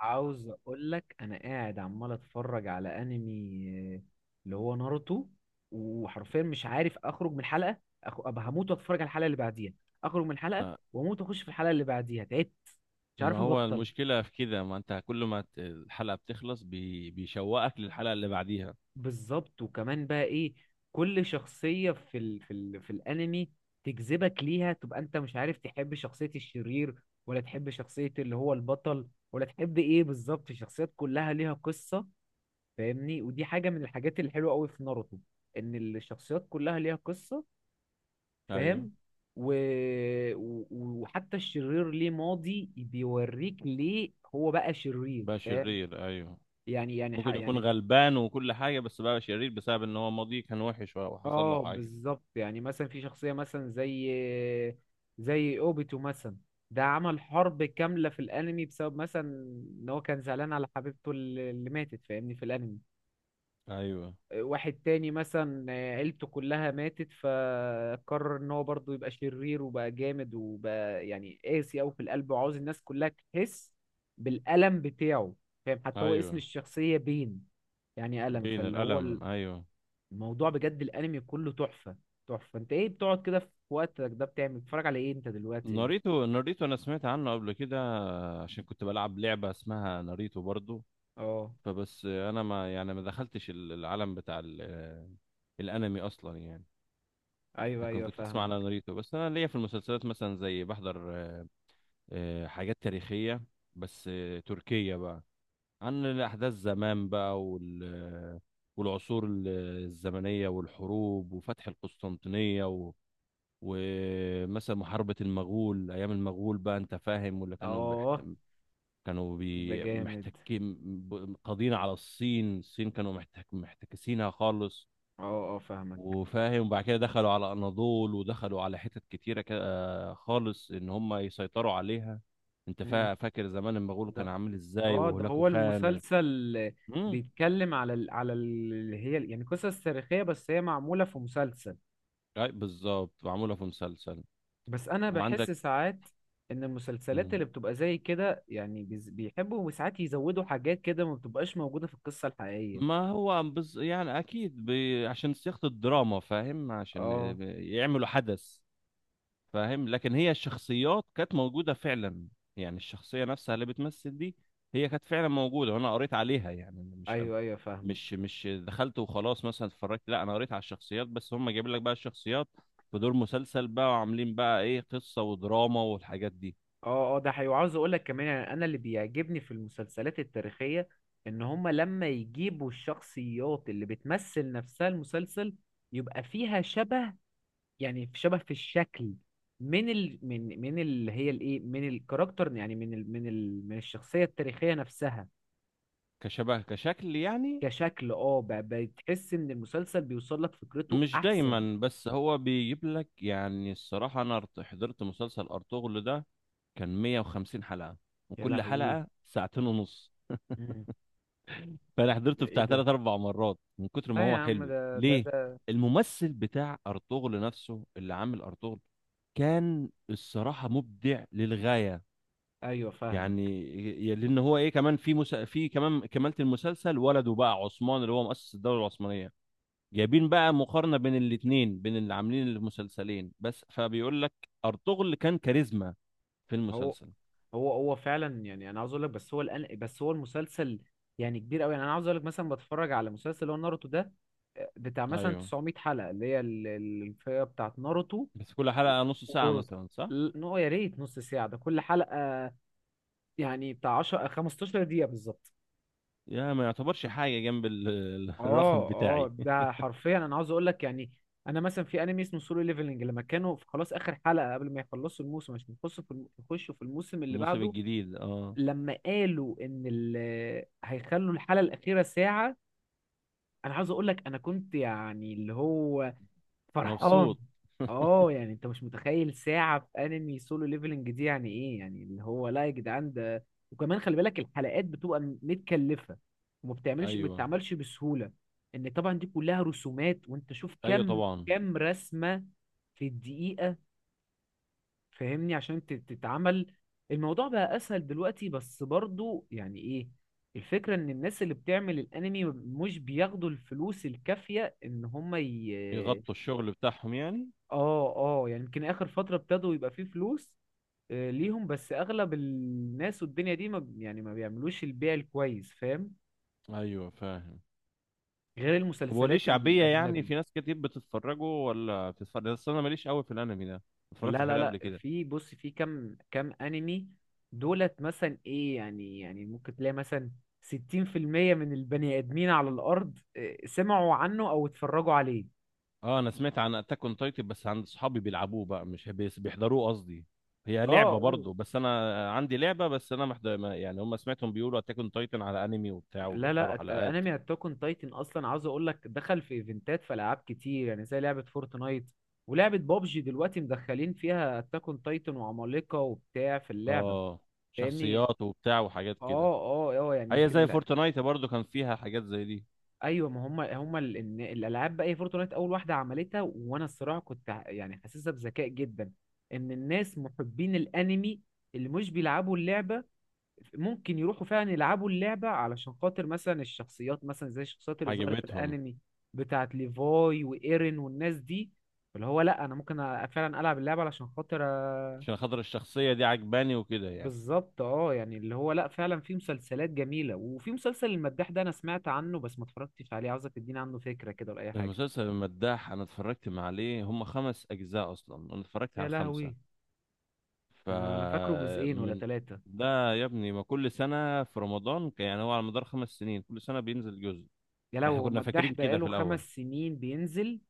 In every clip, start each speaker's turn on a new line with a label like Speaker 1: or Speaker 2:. Speaker 1: عاوز اقول لك، انا قاعد عمال اتفرج على انمي، آه، اللي هو ناروتو. وحرفيا مش عارف اخرج من حلقه. أبقى هموت واتفرج على الحلقه اللي بعديها، اخرج من حلقه واموت واخش في الحلقه اللي بعديها. تعبت، مش
Speaker 2: ما
Speaker 1: عارف
Speaker 2: هو
Speaker 1: ابطل.
Speaker 2: المشكلة في كده، ما انت كل ما الحلقة بتخلص بيشوقك للحلقة اللي بعديها.
Speaker 1: بالظبط، وكمان بقى ايه، كل شخصيه في الانمي تجذبك ليها، تبقى انت مش عارف تحب شخصيه الشرير ولا تحب شخصيه اللي هو البطل ولا تحب ايه بالظبط. الشخصيات كلها ليها قصه، فاهمني؟ ودي حاجة من الحاجات الحلوة قوي في ناروتو، ان الشخصيات كلها ليها قصة.
Speaker 2: ايوه،
Speaker 1: فاهم؟ و... و... وحتى الشرير ليه ماضي بيوريك ليه هو بقى شرير.
Speaker 2: بقى
Speaker 1: فاهم؟
Speaker 2: شرير ايوه، ممكن يكون
Speaker 1: يعني
Speaker 2: غلبان وكل حاجة بس بقى شرير بسبب ان هو ماضيه كان وحش وحصل له
Speaker 1: اه،
Speaker 2: حاجة.
Speaker 1: بالظبط. يعني مثلا في شخصية مثلا زي اوبيتو مثلا، ده عمل حرب كاملة في الانمي بسبب مثلا ان هو كان زعلان على حبيبته اللي ماتت. فاهمني؟ في الانمي
Speaker 2: ايوه
Speaker 1: واحد تاني مثلا، عيلته كلها ماتت فقرر ان هو برضه يبقى شرير وبقى جامد وبقى يعني قاسي أوي في القلب، وعاوز الناس كلها تحس بالألم بتاعه. فاهم؟ حتى هو اسم
Speaker 2: ايوه،
Speaker 1: الشخصية بين، يعني ألم.
Speaker 2: بين
Speaker 1: فاللي هو
Speaker 2: الألم ايوه.
Speaker 1: الموضوع بجد الأنمي كله تحفة، تحفة. انت ايه بتقعد كده في وقتك ده بتعمل، بتتفرج على ايه انت دلوقتي؟
Speaker 2: ناريتو انا سمعت عنه قبل كده، عشان كنت بلعب لعبة اسمها ناريتو برضو.
Speaker 1: اه.
Speaker 2: فبس انا ما يعني ما دخلتش العالم بتاع الانمي اصلا يعني.
Speaker 1: ايوه،
Speaker 2: لكن
Speaker 1: ايوه،
Speaker 2: كنت اسمع
Speaker 1: فاهمك.
Speaker 2: على ناريتو، بس انا ليا في المسلسلات مثلا، زي بحضر حاجات تاريخية، بس تركية بقى، عن الاحداث زمان بقى والعصور الزمنية والحروب وفتح القسطنطينية ومثلا محاربة المغول أيام المغول بقى، أنت فاهم ولا كانوا
Speaker 1: اه، ده جامد.
Speaker 2: محتكين. قاضين على الصين، كانوا محتكسينها خالص.
Speaker 1: اه، اه، فاهمك.
Speaker 2: وفاهم، وبعد كده دخلوا على اناضول ودخلوا على حتت كتيره كده خالص، ان هم يسيطروا عليها. انت فاكر زمان المغول كان
Speaker 1: ده
Speaker 2: عامل ازاي،
Speaker 1: اه، ده
Speaker 2: وهولاكو
Speaker 1: هو
Speaker 2: خان
Speaker 1: المسلسل
Speaker 2: مم.
Speaker 1: بيتكلم اللي هي يعني قصص تاريخية، بس هي معمولة في مسلسل.
Speaker 2: أي بالظبط، معموله في مسلسل.
Speaker 1: بس انا بحس
Speaker 2: وعندك
Speaker 1: ساعات ان المسلسلات
Speaker 2: مم.
Speaker 1: اللي بتبقى زي كده، يعني بيحبوا ساعات يزودوا حاجات كده ما بتبقاش موجودة في القصة الحقيقية.
Speaker 2: ما هو بز... يعني اكيد ب... عشان صياغه الدراما، فاهم، عشان
Speaker 1: اه،
Speaker 2: يعملوا حدث. فاهم، لكن هي الشخصيات كانت موجوده فعلا، يعني الشخصيه نفسها اللي بتمثل دي هي كانت فعلا موجوده، وانا قريت عليها يعني. مش
Speaker 1: ايوه، ايوه، فاهمك.
Speaker 2: مش مش دخلت وخلاص مثلا اتفرجت، لا انا قريت على الشخصيات، بس هم جايبين لك بقى الشخصيات في دور مسلسل بقى وعاملين بقى ايه، قصة ودراما والحاجات دي.
Speaker 1: اه، اه، ده حقيقي. وعاوز اقول لك كمان، يعني انا اللي بيعجبني في المسلسلات التاريخية ان هما لما يجيبوا الشخصيات اللي بتمثل نفسها المسلسل يبقى فيها شبه، يعني في شبه في الشكل من اللي هي الايه، من الكاركتر، يعني من الشخصيه التاريخيه نفسها.
Speaker 2: كشبه كشكل يعني.
Speaker 1: كشكل، اه، بتحس ان المسلسل بيوصل لك فكرته
Speaker 2: مش
Speaker 1: احسن.
Speaker 2: دايما، بس هو بيجيب لك يعني. الصراحة انا حضرت مسلسل ارطغرل ده، كان 150 حلقة،
Speaker 1: يا
Speaker 2: وكل
Speaker 1: لهوي.
Speaker 2: حلقة ساعتين ونص.
Speaker 1: مم.
Speaker 2: فانا
Speaker 1: ده
Speaker 2: حضرته
Speaker 1: ايه
Speaker 2: بتاع
Speaker 1: ده؟
Speaker 2: ثلاث اربع مرات من كتر ما
Speaker 1: لا يا
Speaker 2: هو
Speaker 1: عم،
Speaker 2: حلو
Speaker 1: ده ده
Speaker 2: ليه.
Speaker 1: ده
Speaker 2: الممثل بتاع ارطغرل نفسه اللي عامل ارطغرل كان الصراحه مبدع للغايه،
Speaker 1: ايوه، فاهمك.
Speaker 2: يعني. لان هو ايه، كمان في كمان كمالة المسلسل، ولده بقى عثمان اللي هو مؤسس الدوله العثمانيه، جايبين بقى مقارنه بين الاثنين، بين اللي عاملين المسلسلين، بس فبيقول لك ارطغرل كان كاريزما في
Speaker 1: هو
Speaker 2: المسلسل.
Speaker 1: هو فعلا. يعني انا عاوز اقول لك، بس هو الان، بس هو المسلسل يعني كبير قوي. يعني انا عاوز اقول لك، مثلا بتفرج على مسلسل اللي هو ناروتو ده، بتاع مثلا
Speaker 2: ايوه،
Speaker 1: 900 حلقة، اللي هي الفئة بتاعت ناروتو.
Speaker 2: بس كل حلقه نص ساعه
Speaker 1: وجرد،
Speaker 2: مثلا، صح؟
Speaker 1: نو. يا ريت نص ساعة ده كل حلقة، يعني بتاع 10 15 دقيقة بالظبط.
Speaker 2: يا ما يعتبرش حاجه جنب الرقم
Speaker 1: اه، اه،
Speaker 2: بتاعي.
Speaker 1: ده حرفيا انا عاوز اقول لك، يعني انا مثلا في انمي اسمه سولو ليفلنج، لما كانوا في خلاص اخر حلقة قبل ما يخلصوا الموسم عشان يخشوا يخشوا في الموسم اللي
Speaker 2: الموسم
Speaker 1: بعده،
Speaker 2: الجديد اه.
Speaker 1: لما قالوا هيخلوا الحلقة الأخيرة ساعة، انا عاوز اقول لك انا كنت يعني اللي هو فرحان.
Speaker 2: مبسوط.
Speaker 1: اه، يعني انت مش متخيل ساعة في انمي سولو ليفلنج دي يعني ايه، يعني اللي هو لا يا جدعان، ده وكمان خلي بالك الحلقات بتبقى متكلفة، وما بتعملش ما
Speaker 2: ايوه
Speaker 1: بتتعملش بسهولة. ان طبعا دي كلها رسومات، وانت شوف
Speaker 2: ايوه
Speaker 1: كم
Speaker 2: طبعا.
Speaker 1: كم رسمة في الدقيقة. فاهمني؟ عشان تتعمل. الموضوع بقى اسهل دلوقتي، بس برضو يعني ايه، الفكرة ان الناس اللي بتعمل الانمي مش بياخدوا الفلوس الكافية ان هم
Speaker 2: يغطوا الشغل بتاعهم يعني.
Speaker 1: اه، اه. يعني يمكن اخر فتره ابتدوا يبقى فيه فلوس ليهم، بس اغلب الناس والدنيا دي ما ب- يعني ما بيعملوش البيع الكويس. فاهم؟
Speaker 2: ايوه فاهم.
Speaker 1: غير
Speaker 2: طب هو ليه
Speaker 1: المسلسلات
Speaker 2: شعبيه يعني،
Speaker 1: الاجنبي.
Speaker 2: في ناس كتير بتتفرجوا ولا بتتفرج؟ بس انا ماليش قوي في الانمي ده، ما
Speaker 1: لا،
Speaker 2: اتفرجتش
Speaker 1: لا،
Speaker 2: عليه قبل
Speaker 1: لا،
Speaker 2: كده.
Speaker 1: في بص، في كم انمي دولت مثلا ايه، يعني ممكن تلاقي مثلا 60% من البني ادمين على الارض سمعوا عنه او اتفرجوا عليه.
Speaker 2: اه انا سمعت عن اتاك اون تايتن بس عند صحابي بيلعبوه بقى، مش بيحضروه قصدي، هي
Speaker 1: اه، اه.
Speaker 2: لعبه برضه. بس انا عندي لعبه، بس انا محضر يعني هم سمعتهم بيقولوا اتاك اون تايتن على انمي وبتاع،
Speaker 1: لا، لا.
Speaker 2: وبيحضروا حلقات.
Speaker 1: انمي اتاك اون تايتن اصلا، عاوز اقول لك، دخل في ايفنتات في العاب كتير، يعني زي لعبه فورتنايت ولعبه بابجي. دلوقتي مدخلين فيها اتاك اون تايتن وعمالقه وبتاع في اللعبه.
Speaker 2: اه،
Speaker 1: فاهمني.
Speaker 2: شخصيات وبتاع وحاجات
Speaker 1: اه،
Speaker 2: كده.
Speaker 1: اه، اه. يعني
Speaker 2: هي
Speaker 1: يمكن
Speaker 2: زي
Speaker 1: لا.
Speaker 2: فورتنايت برضو كان فيها حاجات زي دي.
Speaker 1: ايوه. ما إن الالعاب بقى، هي فورتنايت اول واحده عملتها، وانا الصراحه كنت يعني حاسسها بذكاء جدا، ان الناس محبين الانمي اللي مش بيلعبوا اللعبه ممكن يروحوا فعلا يلعبوا اللعبة علشان خاطر مثلا الشخصيات، مثلا زي الشخصيات اللي ظهرت في
Speaker 2: عجبتهم.
Speaker 1: الأنمي بتاعت ليفاي وإيرين والناس دي. اللي هو لأ، أنا ممكن فعلا ألعب اللعبة علشان خاطر. أ-
Speaker 2: عشان خاطر الشخصية دي عجباني وكده يعني.
Speaker 1: بالظبط. اه، يعني اللي هو لأ، فعلا في مسلسلات جميلة. وفي مسلسل المداح ده أنا سمعت عنه بس ما اتفرجتش عليه، عاوزك تديني عنه فكرة كده ولا أي حاجة.
Speaker 2: المسلسل المداح، أنا اتفرجت عليه، هم خمس أجزاء أصلا، أنا اتفرجت على
Speaker 1: يا
Speaker 2: الخمسة.
Speaker 1: لهوي. أنا فاكره جزئين ولا
Speaker 2: فمن.
Speaker 1: ثلاثة.
Speaker 2: ده يا ابني ما كل سنة في رمضان، يعني هو على مدار خمس سنين كل سنة بينزل جزء.
Speaker 1: يا
Speaker 2: احنا
Speaker 1: لهوي،
Speaker 2: كنا فاكرين
Speaker 1: المداح
Speaker 2: كده
Speaker 1: بقاله
Speaker 2: في
Speaker 1: خمس
Speaker 2: الأول.
Speaker 1: سنين بينزل؟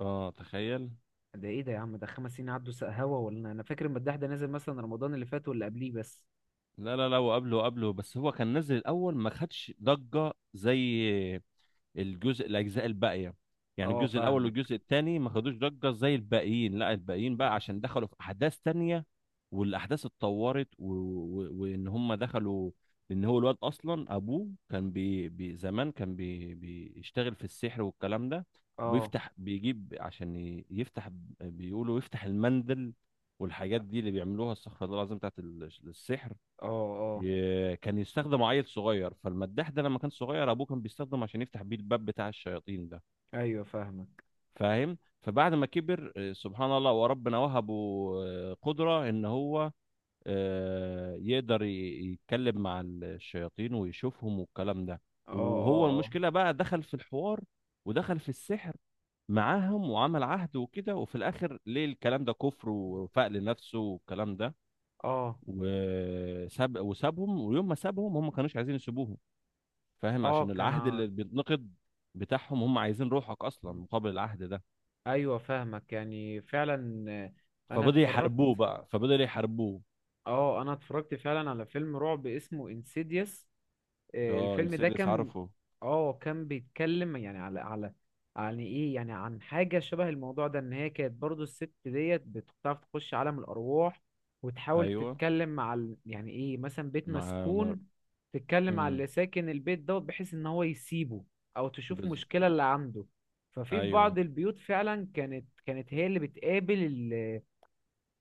Speaker 2: اه تخيل.
Speaker 1: ده ايه ده يا عم، ده خمس سنين عدوا سق هوا؟ ولا أنا فاكر المداح ده نازل مثلا رمضان اللي فات واللي قبليه بس.
Speaker 2: لا لا لا، وقبله وقبله، بس هو كان نزل الأول، ما خدش ضجة زي الاجزاء الباقيه. يعني
Speaker 1: اه،
Speaker 2: الجزء الاول
Speaker 1: فاهمك.
Speaker 2: والجزء الثاني ما خدوش ضجه زي الباقيين، لا الباقيين
Speaker 1: مم.
Speaker 2: بقى عشان دخلوا في احداث تانية. والاحداث اتطورت وان هم دخلوا. ان هو الواد اصلا ابوه كان بي... بي... زمان كان بي... بيشتغل في السحر والكلام ده.
Speaker 1: اه،
Speaker 2: ويفتح بيجيب، عشان يفتح، بيقولوا يفتح المندل والحاجات دي اللي بيعملوها، استغفر الله العظيم، بتاعت السحر.
Speaker 1: اه، اه،
Speaker 2: كان يستخدم عيل صغير، فالمداح ده لما كان صغير ابوه كان بيستخدم عشان يفتح بيه الباب بتاع الشياطين ده.
Speaker 1: ايوه، فاهمك.
Speaker 2: فاهم، فبعد ما كبر سبحان الله، وربنا وهبه قدرة ان هو يقدر يتكلم مع الشياطين ويشوفهم والكلام ده.
Speaker 1: اه، اه،
Speaker 2: وهو
Speaker 1: اه،
Speaker 2: المشكلة بقى دخل في الحوار، ودخل في السحر معاهم، وعمل عهد وكده. وفي الاخر ليه الكلام ده كفر، وفاق لنفسه والكلام ده
Speaker 1: اه،
Speaker 2: وساب، وسابهم. ويوم ما سابهم هم ما كانوش عايزين يسيبوه، فاهم،
Speaker 1: اه،
Speaker 2: عشان
Speaker 1: كان
Speaker 2: العهد اللي بيتنقض بتاعهم، هم عايزين روحك اصلا
Speaker 1: مم.
Speaker 2: مقابل العهد ده.
Speaker 1: ايوه، فاهمك، يعني فعلا. انا اتفرجت.
Speaker 2: فبدأوا يحاربوه.
Speaker 1: اه، انا اتفرجت فعلا على فيلم رعب اسمه انسيديوس.
Speaker 2: اه
Speaker 1: الفيلم ده
Speaker 2: انسيدس
Speaker 1: كان
Speaker 2: عارفه.
Speaker 1: اه، كان بيتكلم يعني على يعني ايه، يعني عن حاجة شبه الموضوع ده، ان هي كانت برضو الست ديت بتعرف تخش عالم الارواح، وتحاول
Speaker 2: ايوه،
Speaker 1: تتكلم يعني ايه، مثلا بيت
Speaker 2: مع مر...
Speaker 1: مسكون، تتكلم على
Speaker 2: مم.
Speaker 1: اللي ساكن البيت دوت بحيث ان هو يسيبه، او تشوف
Speaker 2: بز...
Speaker 1: مشكلة اللي عنده. ففي
Speaker 2: ايوه،
Speaker 1: بعض البيوت فعلا، كانت هي اللي بتقابل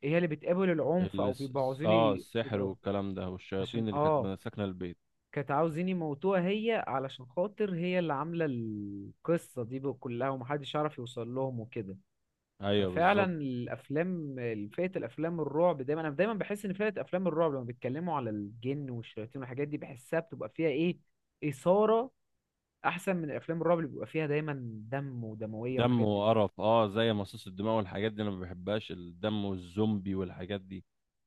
Speaker 1: هي اللي بتقابل العنف او بيبقوا عاوزين
Speaker 2: اه، السحر
Speaker 1: يضربوا،
Speaker 2: والكلام ده
Speaker 1: عشان
Speaker 2: والشياطين اللي
Speaker 1: اه،
Speaker 2: كانت ساكنه البيت.
Speaker 1: كانت عاوزين يموتوها هي علشان خاطر هي اللي عاملة القصة دي بقى كلها، ومحدش يعرف يوصل لهم وكده.
Speaker 2: ايوه
Speaker 1: ففعلا
Speaker 2: بالظبط.
Speaker 1: الأفلام، فئة الأفلام الرعب دايما، أنا دايما بحس إن فئة أفلام الرعب لما بيتكلموا على الجن والشياطين والحاجات دي بحسها بتبقى فيها إيه، إثارة، أحسن من الأفلام الرعب اللي بيبقى فيها دايما دم ودموية
Speaker 2: دم
Speaker 1: وحاجات من دي.
Speaker 2: وقرف، اه، زي مصاص الدماء والحاجات دي، انا ما بحبهاش الدم والزومبي والحاجات دي.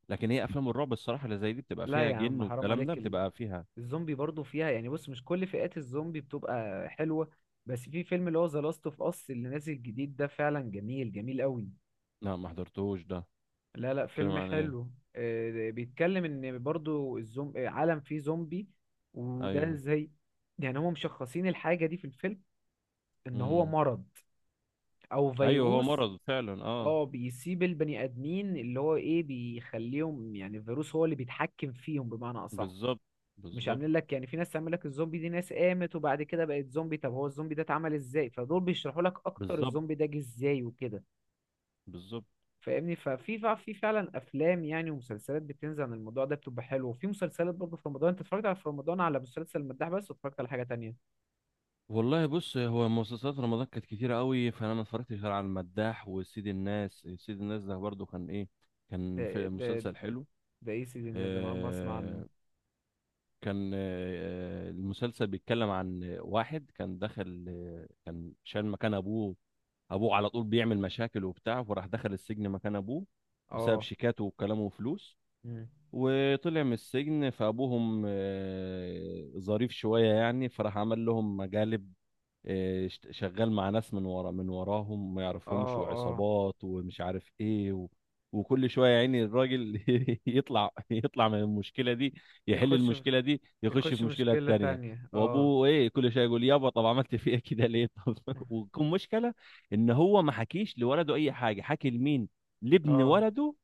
Speaker 2: لكن هي افلام الرعب الصراحه اللي زي دي بتبقى
Speaker 1: لا
Speaker 2: فيها
Speaker 1: يا عم،
Speaker 2: جن
Speaker 1: حرام
Speaker 2: والكلام ده،
Speaker 1: عليك.
Speaker 2: بتبقى فيها.
Speaker 1: الزومبي برضو فيها، يعني بص، مش كل فئات الزومبي بتبقى حلوة، بس في فيلم اللي هو ذا لاست اوف اس اللي نازل جديد ده فعلا جميل جميل قوي.
Speaker 2: لا ما حضرتهوش ده.
Speaker 1: لا، لا،
Speaker 2: بتتكلم
Speaker 1: فيلم
Speaker 2: عن ايه؟
Speaker 1: حلو. بيتكلم ان برضو الزوم... آه، عالم فيه زومبي. وده
Speaker 2: ايوه.
Speaker 1: زي، يعني هم مشخصين الحاجة دي في الفيلم ان هو
Speaker 2: امم.
Speaker 1: مرض او
Speaker 2: ايوه هو
Speaker 1: فيروس.
Speaker 2: مرض فعلا، اه.
Speaker 1: اه، بيسيب البني ادمين اللي هو ايه بيخليهم، يعني الفيروس هو اللي بيتحكم فيهم بمعنى اصح.
Speaker 2: بالظبط،
Speaker 1: مش
Speaker 2: بالظبط،
Speaker 1: عاملين لك يعني في ناس تعمل لك الزومبي دي، ناس قامت وبعد كده بقت زومبي. طب هو الزومبي ده اتعمل ازاي؟ فدول بيشرحوا لك اكتر
Speaker 2: بالظبط،
Speaker 1: الزومبي ده جه ازاي وكده.
Speaker 2: بالظبط.
Speaker 1: فاهمني. ففي فع- في فعلا افلام يعني ومسلسلات بتنزل عن الموضوع ده بتبقى حلوه. وفي مسلسلات برضه في رمضان، انت اتفرجت في رمضان على مسلسل المداح بس، واتفرجت على حاجه تانية؟
Speaker 2: والله بص، هو مسلسلات رمضان كانت كتيرة قوي، فانا ما اتفرجتش غير على المداح وسيد الناس. سيد الناس ده برضو كان ايه، كان
Speaker 1: ده
Speaker 2: في
Speaker 1: ده
Speaker 2: مسلسل حلو.
Speaker 1: ده ايه سيدي الناس ده؟ انا اول مره اسمع عنه.
Speaker 2: آه، كان آه، المسلسل بيتكلم عن واحد كان دخل كان شال مكان ابوه. ابوه على طول بيعمل مشاكل وبتاع، فراح دخل السجن مكان ابوه بسبب
Speaker 1: اه.
Speaker 2: شيكاته وكلامه وفلوس.
Speaker 1: مم.
Speaker 2: وطلع من السجن، فابوهم ظريف شويه يعني، فراح عمل لهم مقالب. شغال مع ناس من ورا، من وراهم ما يعرفهمش،
Speaker 1: اه، اه.
Speaker 2: وعصابات ومش عارف ايه وكل شويه يعني الراجل يطلع من المشكله دي، يحل
Speaker 1: يخش في-
Speaker 2: المشكله دي يخش في
Speaker 1: يخش
Speaker 2: مشكله
Speaker 1: مشكله
Speaker 2: تانية.
Speaker 1: تانية. اه،
Speaker 2: وابوه ايه كل شويه يقول يابا طب عملت فيا كده ليه طب وكم مشكله. ان هو ما حكيش لولده اي حاجه، حكي لمين؟ لابن
Speaker 1: اه،
Speaker 2: ولده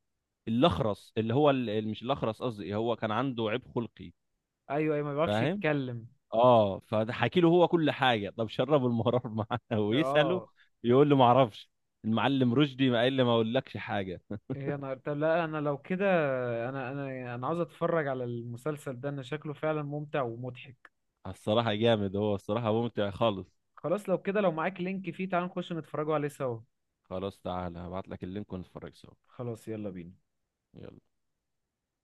Speaker 2: الاخرس، اللي هو مش الاخرس قصدي، هو كان عنده عيب خلقي،
Speaker 1: ايوه، ايوه، ما بيعرفش
Speaker 2: فاهم.
Speaker 1: يتكلم.
Speaker 2: اه فحكي له هو كل حاجه، طب شربوا المرار معاه ويساله
Speaker 1: اه.
Speaker 2: يقول له ما اعرفش، المعلم رشدي ما قال لي ما اقولكش حاجه.
Speaker 1: إيه، يا نهار طب. لا انا لو كده، انا عاوز اتفرج على المسلسل ده، انا شكله فعلا ممتع ومضحك.
Speaker 2: الصراحه جامد، هو الصراحه ممتع خالص.
Speaker 1: خلاص، لو كده لو معاك لينك فيه، تعال نخش نتفرجوا عليه سوا.
Speaker 2: خلاص تعالى هبعت لك اللينك ونتفرج سوا.
Speaker 1: خلاص، يلا بينا.
Speaker 2: يلا.